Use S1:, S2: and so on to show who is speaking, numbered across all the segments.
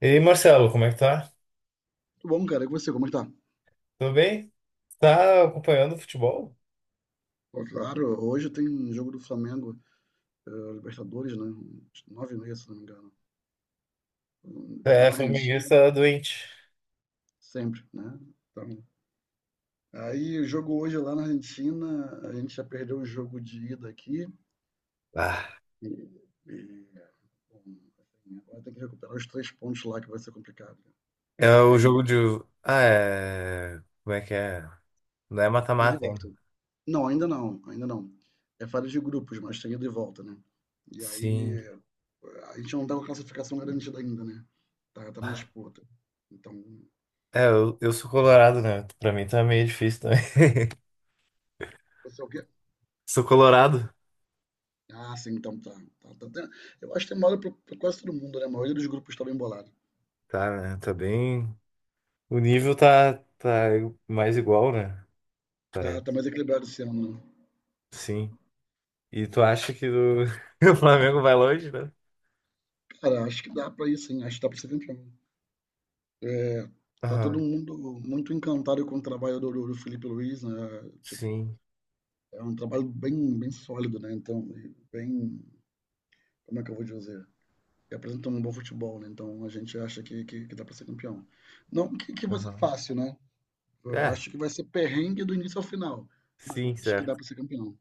S1: E aí, Marcelo, como é que tá?
S2: Tudo bom, cara? E com você, como é que tá?
S1: Tudo bem? Tá acompanhando o futebol?
S2: Ó, claro, hoje tem um jogo do Flamengo, Libertadores, né? 9h30, se não me engano. Lá
S1: É,
S2: na Argentina,
S1: flamenguista doente.
S2: sempre, né? Então, aí o jogo hoje lá na Argentina, a gente já perdeu o jogo de ida aqui.
S1: Ah,
S2: E, e, bom, assim, agora tem que recuperar os 3 pontos lá, que vai ser complicado,
S1: é
S2: né?
S1: o jogo
S2: Aí,
S1: de. Ah, é. Como é que é? Não é
S2: ida e
S1: mata-mata ainda.
S2: volta. Não, ainda não, ainda não. É fase de grupos, mas tem ida e volta, né? E aí,
S1: Sim.
S2: a gente não tá com a classificação garantida ainda, né? Tá na disputa. Então,
S1: É, eu sou colorado, né? Pra mim tá meio difícil também.
S2: você é o quê?
S1: Sou colorado.
S2: Ah, sim, então tá. Tá, tá, tá. Eu acho que tem moda pra quase todo mundo, né? A maioria dos grupos tá bem bolado.
S1: Tá, né? Tá bem. O nível tá mais igual, né?
S2: Tá
S1: Parece.
S2: mais equilibrado esse ano, né?
S1: Sim. E tu acha que o, o Flamengo vai longe, né?
S2: Cara, acho que dá pra ir, sim, acho que dá pra ser campeão. É, tá todo
S1: Aham.
S2: mundo muito encantado com o trabalho do Felipe Luiz, né? Tipo,
S1: Sim.
S2: é um trabalho bem, bem sólido, né? Então, e bem, como é que eu vou dizer? E apresentam um bom futebol, né? Então a gente acha que dá para ser campeão. Não que vai ser
S1: Aham.
S2: fácil, né? Eu
S1: É,
S2: acho que vai ser perrengue do início ao final, mas eu
S1: sim,
S2: acho que dá
S1: certo.
S2: para ser campeão,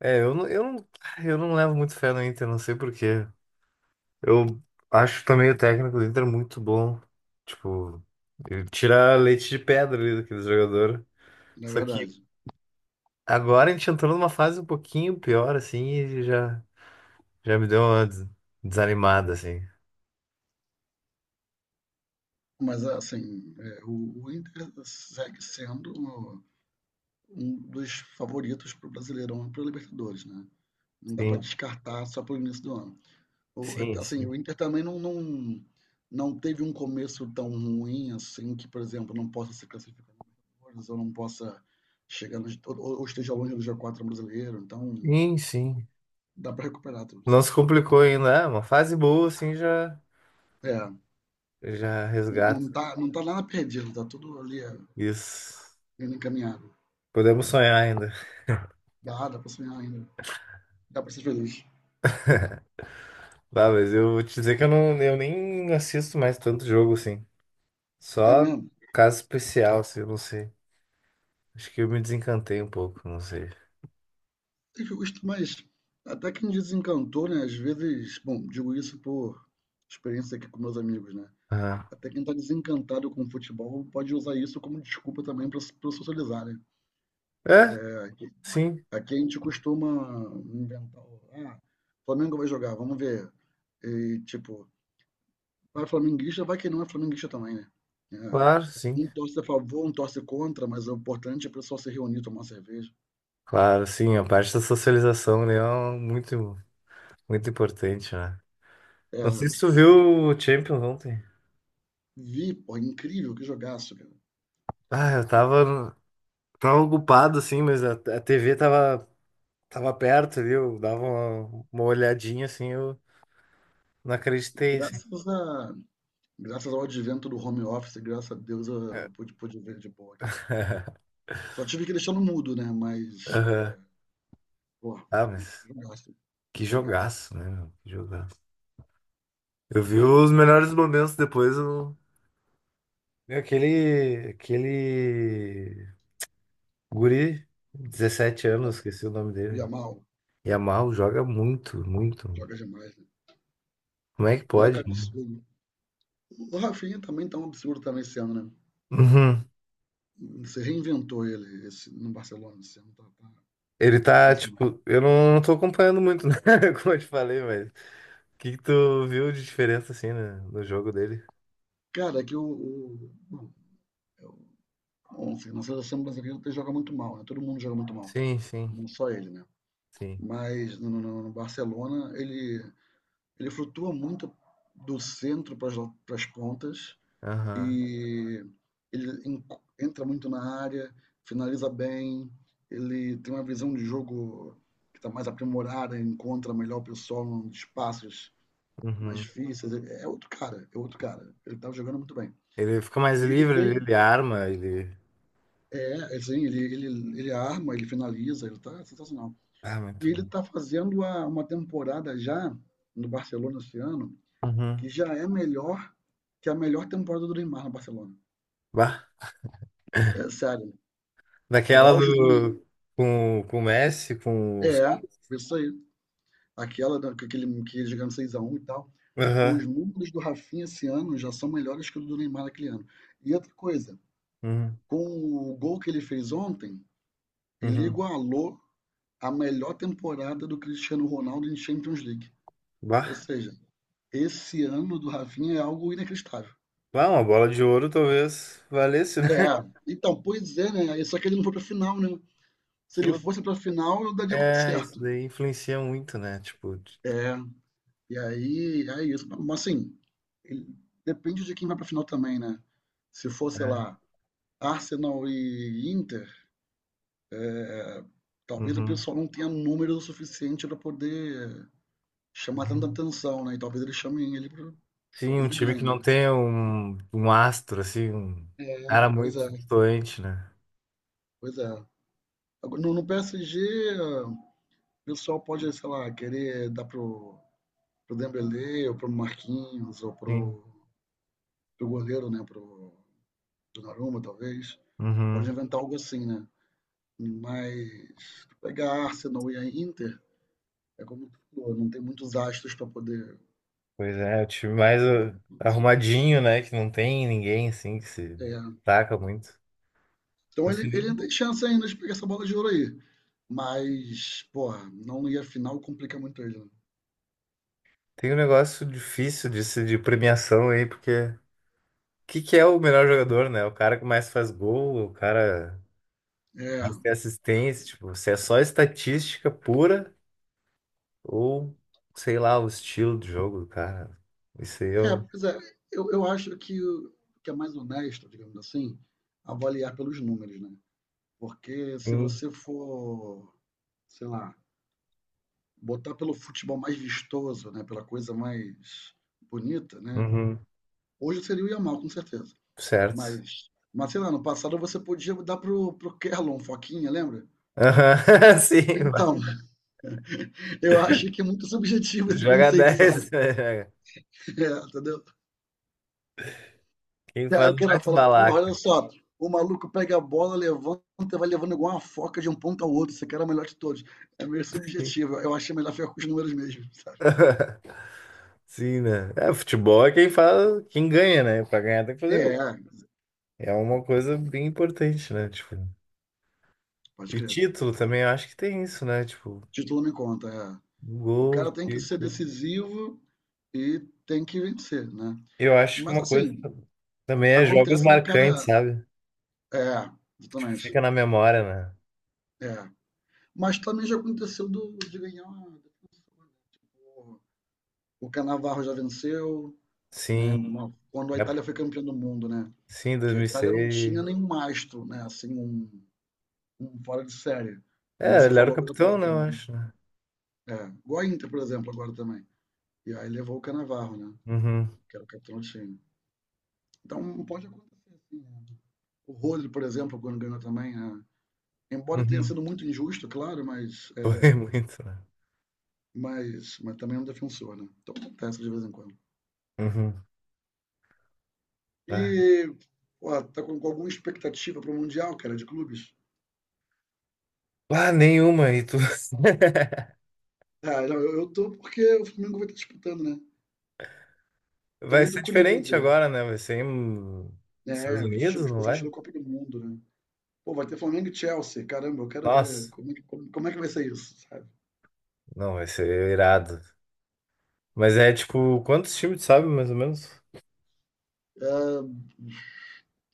S1: É, eu não eu não levo muito fé no Inter, não sei por quê. Eu acho também o técnico do Inter muito bom. Tipo, ele tira leite de pedra ali daquele jogador.
S2: na
S1: Só que
S2: verdade.
S1: agora a gente entrou numa fase um pouquinho pior, assim, e já me deu uma desanimada, assim.
S2: Mas assim, é, o Inter segue sendo um dos favoritos para o Brasileirão e para Libertadores, né? Não dá para
S1: Sim,
S2: descartar só para o início do ano.
S1: sim,
S2: Assim,
S1: sim.
S2: o Inter também não teve um começo tão ruim assim que, por exemplo, não possa se classificar na Libertadores ou não possa chegar no, ou esteja longe do G4 brasileiro. Então,
S1: Sim, sim.
S2: dá para recuperar tudo,
S1: Não
S2: sim.
S1: se complicou ainda. É, uma fase boa, assim, já,
S2: É,
S1: já resgata.
S2: não tá, não tá nada perdido, tá tudo ali, é,
S1: Isso.
S2: indo encaminhado.
S1: Podemos sonhar ainda.
S2: Dá para sonhar ainda, dá para ser feliz.
S1: Tá, mas eu vou te dizer que eu nem assisto mais tanto jogo assim.
S2: É
S1: Só
S2: mesmo.
S1: caso especial, assim, eu não sei. Acho que eu me desencantei um pouco, não sei.
S2: É justo, mas até que me desencantou, né? Às vezes, bom, digo isso por experiência aqui com meus amigos, né?
S1: Ah,
S2: Até quem está desencantado com o futebol pode usar isso como desculpa também para socializar, né?
S1: é,
S2: É, aqui,
S1: sim,
S2: aqui a gente costuma inventar, ah, Flamengo vai jogar, vamos ver. E, tipo, vai flamenguista, vai quem não é flamenguista também, né? É,
S1: claro, sim.
S2: um torce a favor, um torce contra, mas o importante é o pessoal se reunir, tomar uma cerveja.
S1: Claro, sim, a parte da socialização, né, é muito, muito importante, né?
S2: É,
S1: Não sei se tu viu o Champions ontem.
S2: vi, pô, é incrível, que jogaço, cara.
S1: Ah, tava ocupado, assim, mas a TV tava perto ali, eu dava uma olhadinha, assim, eu não acreditei, assim.
S2: Graças, a, graças ao advento do home office, graças a Deus eu pude, ver de boa aqui. Só tive que deixar no mudo, né? Mas,
S1: Aham.
S2: é, pô,
S1: Ah, mas...
S2: jogaço,
S1: Que
S2: jogaço.
S1: jogaço, né, meu? Que jogaço. Eu vi os melhores momentos depois. Eu... E aquele guri, 17 anos,
S2: Não,
S1: esqueci o nome
S2: o
S1: dele.
S2: Yamal
S1: Yamal joga muito, muito.
S2: joga demais, né?
S1: Como é que pode?
S2: Leca é um absurdo. O Rafinha também tá um absurdo também esse ano, né?
S1: Uhum.
S2: Você reinventou ele esse, no Barcelona esse ano, tá, tá
S1: Ele tá,
S2: sensacional.
S1: tipo, eu não, não tô acompanhando muito, né? Como eu te falei, mas. O que que tu viu de diferença, assim, né? No jogo dele?
S2: Cara, é que o bom, eu, assim, na seleção brasileira ele joga muito mal, né? Todo mundo joga muito mal,
S1: Sim, sim,
S2: não só ele, né?
S1: sim.
S2: Mas no Barcelona ele flutua muito do centro para as pontas,
S1: Aham.
S2: e ele entra muito na área, finaliza bem, ele tem uma visão de jogo que está mais aprimorada, encontra melhor o pessoal nos espaços mais
S1: Uhum.
S2: difíceis. É outro cara, é outro cara. Ele estava jogando muito bem.
S1: Ele fica mais
S2: E ele
S1: livre,
S2: tem,
S1: ele arma, ele.
S2: é, assim, ele arma, ele finaliza, ele tá sensacional.
S1: Ah,
S2: E
S1: muito bom.
S2: ele tá fazendo uma temporada já no Barcelona esse ano, que
S1: Uhum.
S2: já é melhor que a melhor temporada do Neymar no Barcelona.
S1: Bah,
S2: É sério. O
S1: daquela
S2: auge do
S1: do. Com o Messi, com o.
S2: É, isso aí. Aquela, com aquele que jogando 6-1 e tal. Os
S1: Aham.
S2: números do Rafinha esse ano já são melhores que o do Neymar naquele ano. E outra coisa,
S1: Uhum.
S2: com o gol que ele fez ontem, ele
S1: Uhum.
S2: igualou a melhor temporada do Cristiano Ronaldo em Champions League. Ou
S1: Bah.
S2: seja, esse ano do Rafinha é algo inacreditável.
S1: Bah, uma bola de ouro talvez valesse, né?
S2: É, então, pois é, né? Só que ele não foi pra final, né? Se ele
S1: Aquilo.
S2: fosse pra final, eu daria como
S1: É, isso
S2: certo.
S1: daí influencia muito, né? Tipo.
S2: É, e aí, é isso. Mas assim, ele- depende de quem vai pra final também, né? Se for, sei
S1: É.
S2: lá, Arsenal e Inter, talvez o
S1: Uhum.
S2: pessoal não tenha número o suficiente pra poder chamar tanta
S1: Uhum.
S2: atenção, né? E talvez ele chame ele pro...
S1: Sim,
S2: Talvez
S1: um
S2: ele
S1: time
S2: ganhe,
S1: que não
S2: né?
S1: tem um astro, assim, um
S2: É,
S1: cara
S2: pois
S1: muito
S2: é,
S1: doente, né?
S2: pois é. Agora, no PSG, o pessoal pode, sei lá, querer dar pro, pro, Dembélé, ou pro Marquinhos, ou
S1: Sim.
S2: pro goleiro, né? Pro Donnarumma, talvez. Pode
S1: Uhum.
S2: inventar algo assim, né? Mas pegar Arsenal e a Inter, é como tu falou, não tem muitos astros para poder
S1: Pois é, o time mais
S2: roubar, assim.
S1: arrumadinho, né? Que não tem ninguém, assim, que se
S2: É.
S1: destaca muito.
S2: Então
S1: Vai ser
S2: ele
S1: lindo.
S2: tem chance ainda de pegar essa bola de ouro aí. Mas, porra, não ir à final complica muito ele, né?
S1: Tem um negócio difícil de, de premiação aí, porque o que, que é o melhor jogador, né? O cara que mais faz gol, o cara que
S2: É,
S1: mais tem assistência, tipo, se é só estatística pura ou, sei lá, o estilo de jogo do cara. Isso aí
S2: é,
S1: eu.
S2: pois é, eu acho que, o- que é mais honesto, digamos assim, avaliar pelos números, né? Porque se
S1: Sim.
S2: você for, sei lá, botar pelo futebol mais vistoso, né? Pela coisa mais bonita, né?
S1: Uhum.
S2: Hoje seria o Yamal, com certeza.
S1: Certo.
S2: Mas sei lá, no passado você podia dar pro, pro Kellon Foquinha, lembra?
S1: Aham, sim, vai.
S2: Então, eu acho que é muito subjetivo esse
S1: Joga
S2: conceito, sabe?
S1: 10 né? Joga.
S2: É, entendeu?
S1: Quem
S2: E aí
S1: faz
S2: o
S1: mais
S2: cara fala, porra,
S1: balaca.
S2: olha só, o maluco pega a bola, levanta, e vai levando igual uma foca de um ponto ao outro. Esse cara é o melhor de todos. É meio
S1: Sim,
S2: subjetivo. Eu achei melhor ficar com os números mesmo, sabe?
S1: sim, né? É, futebol é quem faz, quem ganha, né? Pra ganhar tem que fazer
S2: É,
S1: gol.
S2: é,
S1: É uma coisa bem importante, né? Tipo.
S2: pode
S1: E
S2: crer.
S1: título também, eu acho que tem isso, né? Tipo,
S2: Título não conta, é. O
S1: gol,
S2: cara tem que ser
S1: título.
S2: decisivo e tem que vencer, né?
S1: Eu acho que
S2: Mas
S1: uma coisa
S2: assim,
S1: também é jogos
S2: acontece do
S1: marcantes,
S2: cara.
S1: sabe?
S2: É,
S1: Tipo,
S2: exatamente.
S1: fica na memória, né?
S2: É. Mas também já aconteceu do, de ganhar. O, o Canavarro já venceu, né?
S1: Sim,
S2: Quando a
S1: é-
S2: Itália foi campeã do mundo, né?
S1: sim, dois
S2: Que a
S1: mil e
S2: Itália não tinha
S1: seis
S2: nenhum mastro, né? Assim, um fora de série. Como
S1: É,
S2: você
S1: ele era o
S2: falou agora há
S1: capitão, né?
S2: pouco.
S1: Eu acho, né?
S2: É. Igual a Inter, por exemplo, agora também. E aí levou o Canavarro, né?
S1: Uhum,
S2: Que era o capitão do time. Então pode acontecer, assim, né? O Rodri, por exemplo, quando ganhou também, né? Embora tenha
S1: uhum.
S2: sido muito injusto, claro, mas,
S1: Foi
S2: é,
S1: muito, né?
S2: mas também é um defensor, né? Então acontece de vez em quando.
S1: Uhum. Ah,
S2: E, pô, tá com alguma expectativa para o Mundial, cara, de clubes?
S1: ah, nenhuma. E tu...
S2: Ah, não, eu tô porque o Flamengo vai estar disputando, né? Tô
S1: Vai
S2: muito
S1: ser diferente
S2: curioso,
S1: agora, né? Vai ser em Estados
S2: né?
S1: Unidos, não
S2: Vocês
S1: vai?
S2: na Copa do Mundo, né? Pô, vai ter Flamengo e Chelsea, caramba, eu quero ver
S1: Nossa,
S2: como é que, como é que vai ser isso, sabe?
S1: não, vai ser irado. Mas é
S2: É,
S1: tipo, quantos times tu sabe, mais ou menos?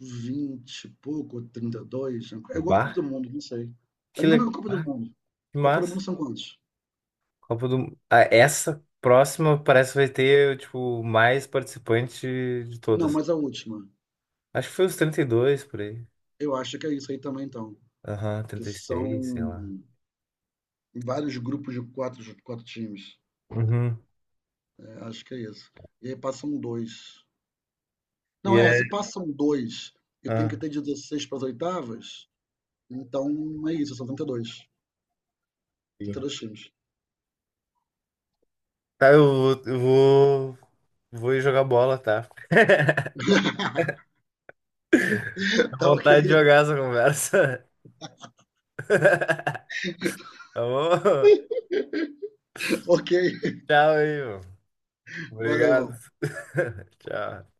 S2: 20 e pouco, 32, é
S1: Do
S2: igual a Copa do
S1: bar?
S2: Mundo, não sei. É a
S1: Que
S2: mesma
S1: legal.
S2: Copa do
S1: Ah,
S2: Mundo.
S1: que
S2: Copa do Mundo
S1: massa.
S2: são quantos?
S1: Copa do... Ah, essa próxima parece que vai ter, tipo, mais participante de
S2: Não,
S1: todas.
S2: mas a última.
S1: Acho que foi os 32 por aí.
S2: Eu acho que é isso aí também, então.
S1: Aham,
S2: Que
S1: 36 sei lá.
S2: são vários grupos de quatro times.
S1: Uhum.
S2: Acho que é isso. E aí passam dois.
S1: E
S2: Não, é, se
S1: é.
S2: passam 2 e tem
S1: Ah,
S2: que ter 16 para as oitavas, então é isso, são trinta e dois trinta e
S1: sim.
S2: dois times.
S1: Tá, vou ir jogar bola, tá? Dá
S2: Tá, ok,
S1: vontade de jogar essa conversa. Tá bom?
S2: ok.
S1: Tchau aí, mano.
S2: Valeu,
S1: Obrigado.
S2: irmão.
S1: Tchau.